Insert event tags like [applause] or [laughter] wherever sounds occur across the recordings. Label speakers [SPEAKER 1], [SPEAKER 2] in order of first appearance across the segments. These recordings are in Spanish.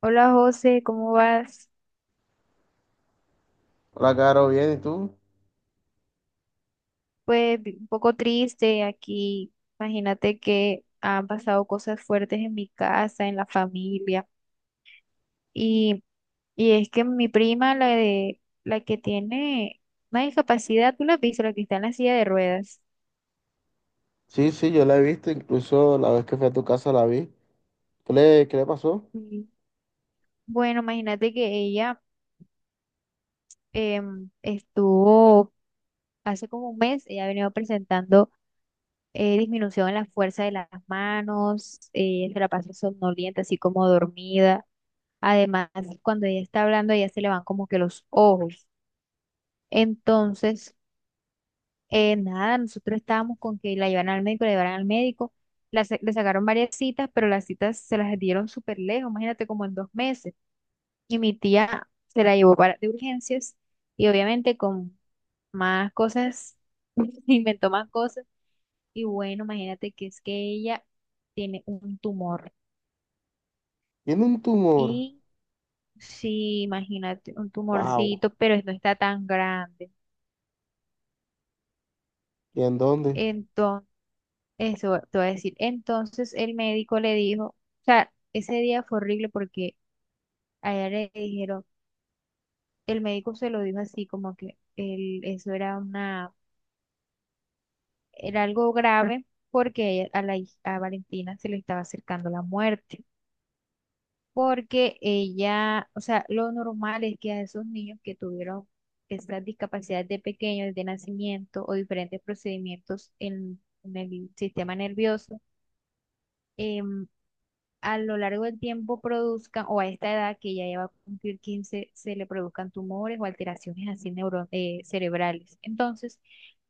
[SPEAKER 1] Hola José, ¿cómo vas?
[SPEAKER 2] Hola, Caro, bien, ¿y tú?
[SPEAKER 1] Pues un poco triste aquí. Imagínate que han pasado cosas fuertes en mi casa, en la familia. Y, y es que mi prima, la que tiene una discapacidad, tú la has visto, la que está en la silla de ruedas.
[SPEAKER 2] Sí, sí, yo la he visto, incluso la vez que fui a tu casa la vi. ¿Qué le pasó?
[SPEAKER 1] Sí. Bueno, imagínate que ella estuvo hace como un mes. Ella ha venido presentando disminución en la fuerza de las manos. Se la pasa somnolienta, así como dormida. Además, cuando ella está hablando, ella se le van como que los ojos. Entonces, nada, nosotros estábamos con que la llevaran al médico, la llevaran al médico. Le sacaron varias citas, pero las citas se las dieron súper lejos, imagínate como en 2 meses. Y mi tía se la llevó para de urgencias y obviamente con más cosas, [laughs] inventó más cosas. Y bueno, imagínate que es que ella tiene un tumor.
[SPEAKER 2] Tiene un tumor.
[SPEAKER 1] Y sí, imagínate, un
[SPEAKER 2] Wow.
[SPEAKER 1] tumorcito, pero no está tan grande.
[SPEAKER 2] ¿Y en dónde?
[SPEAKER 1] Entonces, eso te voy a decir. Entonces el médico le dijo, o sea, ese día fue horrible porque a ella le dijeron, el médico se lo dijo así como que el, eso era una, era algo grave porque a Valentina se le estaba acercando la muerte. Porque ella, o sea, lo normal es que a esos niños que tuvieron estas discapacidades de pequeños, de nacimiento o diferentes procedimientos en el sistema nervioso, em, a lo largo del tiempo produzcan, o a esta edad que ya lleva a cumplir 15 se le produzcan tumores o alteraciones así cerebrales. Entonces,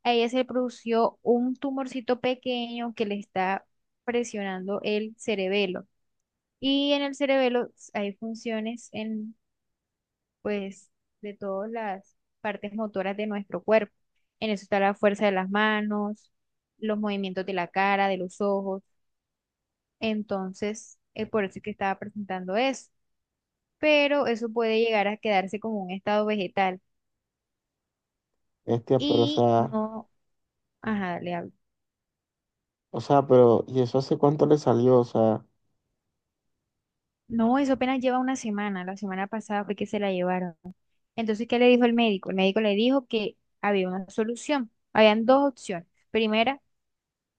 [SPEAKER 1] a ella se le produjo un tumorcito pequeño que le está presionando el cerebelo. Y en el cerebelo hay funciones en, pues, de todas las partes motoras de nuestro cuerpo. En eso está la fuerza de las manos, los movimientos de la cara, de los ojos. Entonces, es por eso que estaba presentando eso, pero eso puede llegar a quedarse como un estado vegetal.
[SPEAKER 2] Este, pero, o
[SPEAKER 1] Y
[SPEAKER 2] sea,
[SPEAKER 1] no, ajá, le hablo.
[SPEAKER 2] o sea, pero, ¿y eso hace cuánto le salió? O sea,
[SPEAKER 1] No, eso apenas lleva una semana, la semana pasada fue que se la llevaron. Entonces, ¿qué le dijo el médico? El médico le dijo que había una solución, habían dos opciones. Primera,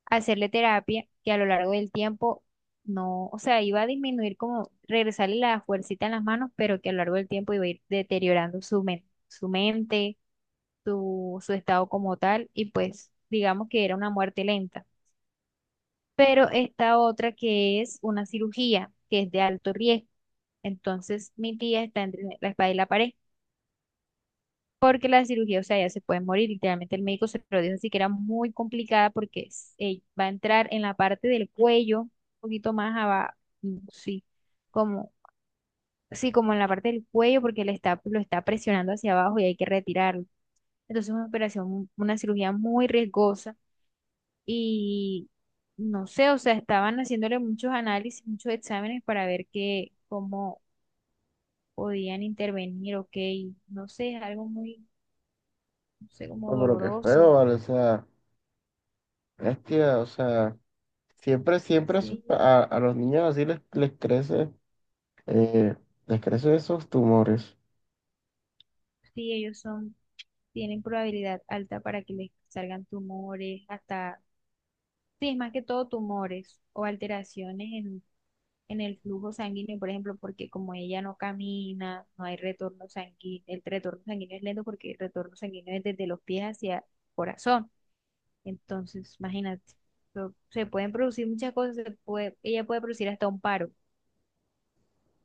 [SPEAKER 1] hacerle terapia que a lo largo del tiempo no, o sea, iba a disminuir como regresarle la fuercita en las manos, pero que a lo largo del tiempo iba a ir deteriorando su mente, su mente, su estado como tal, y pues digamos que era una muerte lenta. Pero esta otra que es una cirugía, que es de alto riesgo. Entonces, mi tía está entre la espada y la pared, porque la cirugía, o sea, ella se puede morir, literalmente el médico se lo dijo así, que era muy complicada porque va a entrar en la parte del cuello, un poquito más abajo, sí, como, sí, como en la parte del cuello, porque le está, lo está presionando hacia abajo y hay que retirarlo. Entonces, es una operación, una cirugía muy riesgosa y no sé, o sea, estaban haciéndole muchos análisis, muchos exámenes para ver qué, cómo podían intervenir, ok, no sé, es algo muy, no sé, como
[SPEAKER 2] no, pero qué feo,
[SPEAKER 1] doloroso.
[SPEAKER 2] ¿vale? O sea, bestia, o sea, siempre, siempre a, sus
[SPEAKER 1] Sí,
[SPEAKER 2] pa- a los niños así eh, les crecen esos tumores.
[SPEAKER 1] sí, ellos son, tienen probabilidad alta para que les salgan tumores. Hasta, sí, es más que todo tumores o alteraciones en el flujo sanguíneo, por ejemplo, porque como ella no camina, no hay retorno sanguíneo, el retorno sanguíneo es lento porque el retorno sanguíneo es desde los pies hacia el corazón. Entonces, imagínate, se pueden producir muchas cosas, se puede, ella puede producir hasta un paro. O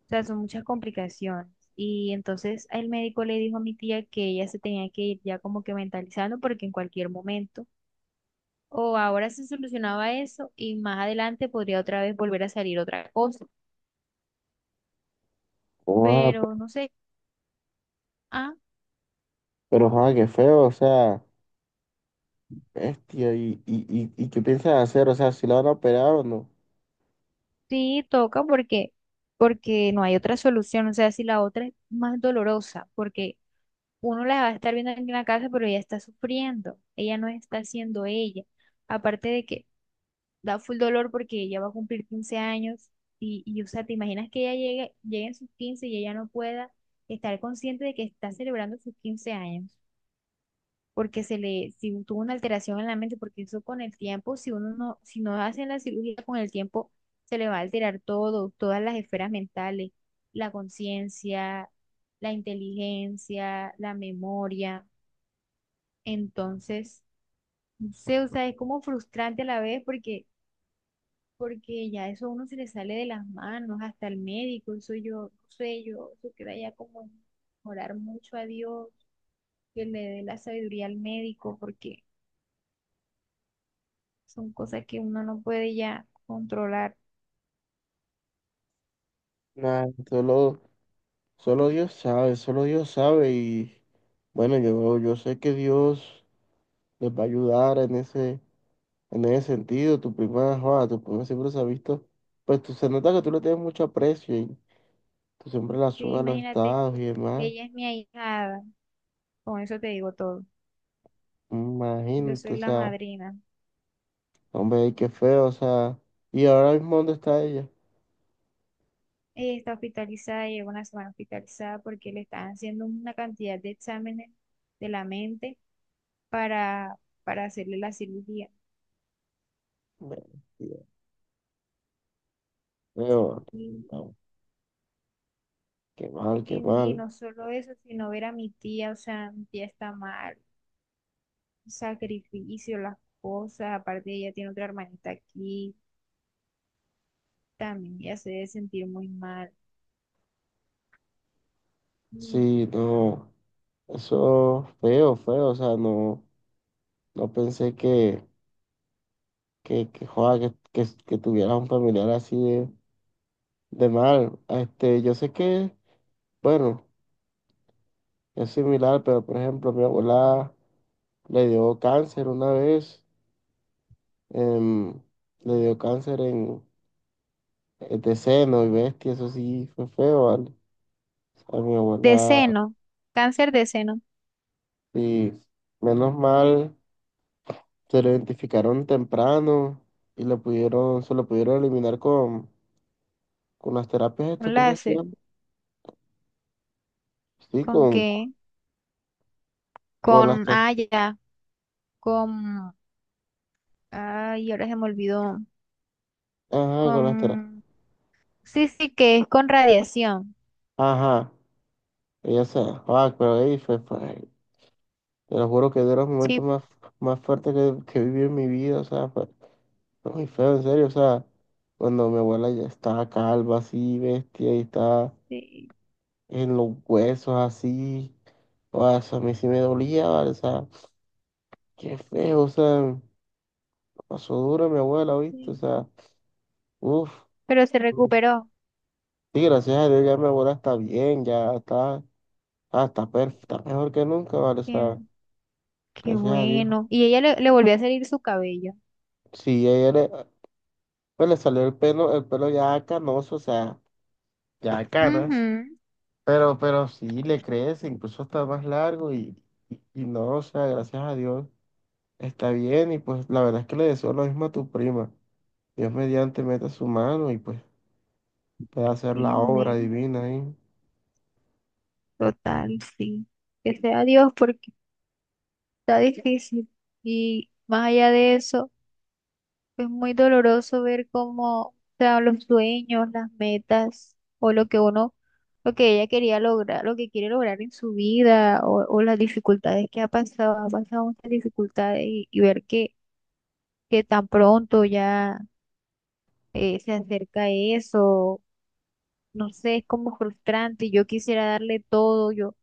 [SPEAKER 1] sea, son muchas complicaciones. Y entonces el médico le dijo a mi tía que ella se tenía que ir ya como que mentalizando porque en cualquier momento o ahora se solucionaba eso y más adelante podría otra vez volver a salir otra cosa.
[SPEAKER 2] Wow,
[SPEAKER 1] Pero no sé, ah,
[SPEAKER 2] pero, joder, qué feo, o sea, bestia, ¿y qué piensas hacer? O sea, ¿si la van a operar o no?
[SPEAKER 1] sí toca porque no hay otra solución. O sea, si la otra es más dolorosa, porque uno la va a estar viendo aquí en la casa, pero ella está sufriendo, ella no está siendo ella. Aparte de que da full dolor porque ella va a cumplir 15 años y o sea, te imaginas que ella llegue, llegue en sus 15 y ella no pueda estar consciente de que está celebrando sus 15 años, porque se le, si tuvo una alteración en la mente, porque eso con el tiempo, si uno no, si no hacen la cirugía con el tiempo, se le va a alterar todo, todas las esferas mentales, la conciencia, la inteligencia, la memoria. Entonces, no sé, o sea, es como frustrante a la vez porque, porque ya eso a uno se le sale de las manos, hasta el médico, eso yo, no sé, yo, eso queda ya como orar mucho a Dios, que le dé la sabiduría al médico, porque son cosas que uno no puede ya controlar.
[SPEAKER 2] Nah, solo Dios sabe y bueno, yo sé que Dios les va a ayudar en ese sentido. Tu prima, joda, tu prima siempre se ha visto, pues tú, se nota que tú le tienes mucho aprecio y tú siempre la
[SPEAKER 1] Sí,
[SPEAKER 2] subes a los
[SPEAKER 1] imagínate,
[SPEAKER 2] estados y demás.
[SPEAKER 1] ella es mi ahijada, con eso te digo todo. Yo
[SPEAKER 2] Imagínate,
[SPEAKER 1] soy
[SPEAKER 2] o
[SPEAKER 1] la
[SPEAKER 2] sea,
[SPEAKER 1] madrina.
[SPEAKER 2] hombre, qué feo, o sea, y ahora mismo ¿dónde está ella?
[SPEAKER 1] Ella está hospitalizada, lleva una semana hospitalizada porque le están haciendo una cantidad de exámenes de la mente para, para hacerle la cirugía.
[SPEAKER 2] Bueno, Dios mío,
[SPEAKER 1] Y,
[SPEAKER 2] no, qué mal, qué
[SPEAKER 1] y
[SPEAKER 2] mal.
[SPEAKER 1] no solo eso, sino ver a mi tía, o sea, mi tía está mal, sacrificio, las cosas, aparte ella tiene otra hermanita aquí, también ella se debe sentir muy mal. Y
[SPEAKER 2] Sí, no, eso feo, feo, o sea, no. No pensé que, joda, que tuvieras un familiar así de mal. Este, yo sé que, bueno, es similar, pero por ejemplo, mi abuela le dio cáncer una vez, em, le dio cáncer de seno y bestia, eso sí fue feo, ¿vale? A mi
[SPEAKER 1] de
[SPEAKER 2] abuela,
[SPEAKER 1] seno, cáncer de seno,
[SPEAKER 2] y menos mal, se lo identificaron temprano y se lo pudieron eliminar con las terapias estas,
[SPEAKER 1] un
[SPEAKER 2] ¿cómo se
[SPEAKER 1] láser.
[SPEAKER 2] llama? Sí,
[SPEAKER 1] ¿Con qué?
[SPEAKER 2] con las
[SPEAKER 1] Con, ah,
[SPEAKER 2] terapias.
[SPEAKER 1] ya, con, ay, ahora se me olvidó.
[SPEAKER 2] Ajá, con las telas.
[SPEAKER 1] Con... Sí, sí, que es con radiación.
[SPEAKER 2] Ajá, pero te lo juro que de los momentos
[SPEAKER 1] Sí,
[SPEAKER 2] más fuertes que viví en mi vida, o sea, fue muy feo, en serio, o sea, cuando mi abuela ya estaba calva, así, bestia, y estaba
[SPEAKER 1] sí,
[SPEAKER 2] en los huesos, así, o sea, a mí sí me dolía, ¿vale? O sea, qué feo, o sea, pasó duro mi abuela, ¿viste?
[SPEAKER 1] sí.
[SPEAKER 2] O sea, uff,
[SPEAKER 1] Pero se recuperó.
[SPEAKER 2] sí, gracias a Dios ya mi abuela está bien, ya está. Está mejor que nunca, ¿vale? O
[SPEAKER 1] Qué,
[SPEAKER 2] sea,
[SPEAKER 1] qué
[SPEAKER 2] gracias a Dios.
[SPEAKER 1] bueno. Y ella le, le volvió a salir su cabello.
[SPEAKER 2] Sí, pues le salió el pelo, ya canoso, o sea, ya
[SPEAKER 1] Ujú.
[SPEAKER 2] canas, pero sí le crece, incluso está más largo y no, o sea, gracias a Dios está bien y pues la verdad es que le deseo lo mismo a tu prima. Dios mediante meta su mano y pues pueda hacer
[SPEAKER 1] Sí,
[SPEAKER 2] la obra
[SPEAKER 1] amén.
[SPEAKER 2] divina ahí.
[SPEAKER 1] Total, sí. Que sea Dios porque está difícil. Y más allá de eso. Es muy doloroso ver cómo, o sea, los sueños, las metas o lo que uno, lo que ella quería lograr, lo que quiere lograr en su vida o las dificultades que ha pasado muchas dificultades y ver que tan pronto ya se acerca eso, no sé, es como frustrante. Yo quisiera darle todo, yo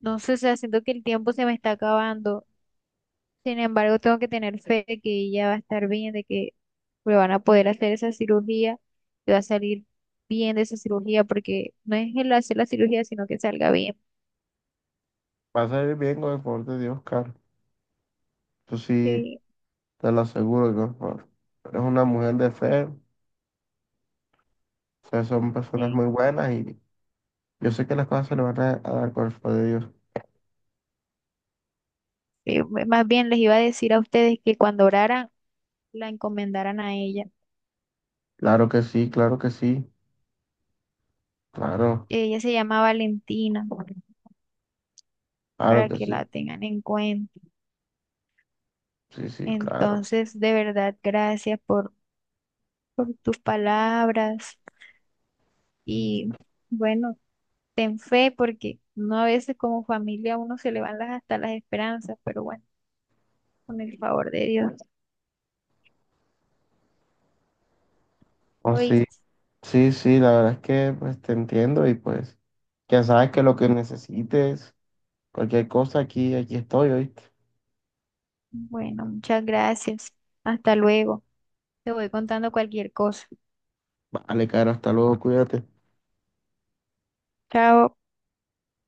[SPEAKER 1] no sé, o sea, siento que el tiempo se me está acabando. Sin embargo, tengo que tener fe de que ella va a estar bien, de que le van a poder hacer esa cirugía, que va a salir bien de esa cirugía, porque no es el hacer la cirugía, sino que salga bien.
[SPEAKER 2] Va a salir bien con el favor de Dios, Carlos. Eso sí,
[SPEAKER 1] Sí,
[SPEAKER 2] te lo aseguro, eres una mujer de fe, o sea, son personas
[SPEAKER 1] sí.
[SPEAKER 2] muy buenas y yo sé que las cosas se le van a dar con el favor de Dios.
[SPEAKER 1] Más bien les iba a decir a ustedes que cuando oraran, la encomendaran a ella.
[SPEAKER 2] Claro que sí, claro que sí, claro,
[SPEAKER 1] Ella se llama Valentina,
[SPEAKER 2] claro
[SPEAKER 1] para
[SPEAKER 2] que
[SPEAKER 1] que
[SPEAKER 2] sí,
[SPEAKER 1] la tengan en cuenta.
[SPEAKER 2] sí, sí, claro.
[SPEAKER 1] Entonces, de verdad, gracias por tus palabras y bueno. Ten fe, porque no a veces como familia a uno se le van las, hasta las esperanzas, pero bueno, con el favor de Dios.
[SPEAKER 2] Oh, sí,
[SPEAKER 1] ¿Oíste?
[SPEAKER 2] sí, sí, la verdad es que pues te entiendo y pues ya sabes que lo que necesites, cualquier cosa aquí, aquí estoy, ¿oíste?
[SPEAKER 1] Bueno, muchas gracias. Hasta luego. Te voy contando cualquier cosa.
[SPEAKER 2] Vale, Caro, hasta luego, cuídate.
[SPEAKER 1] Chao.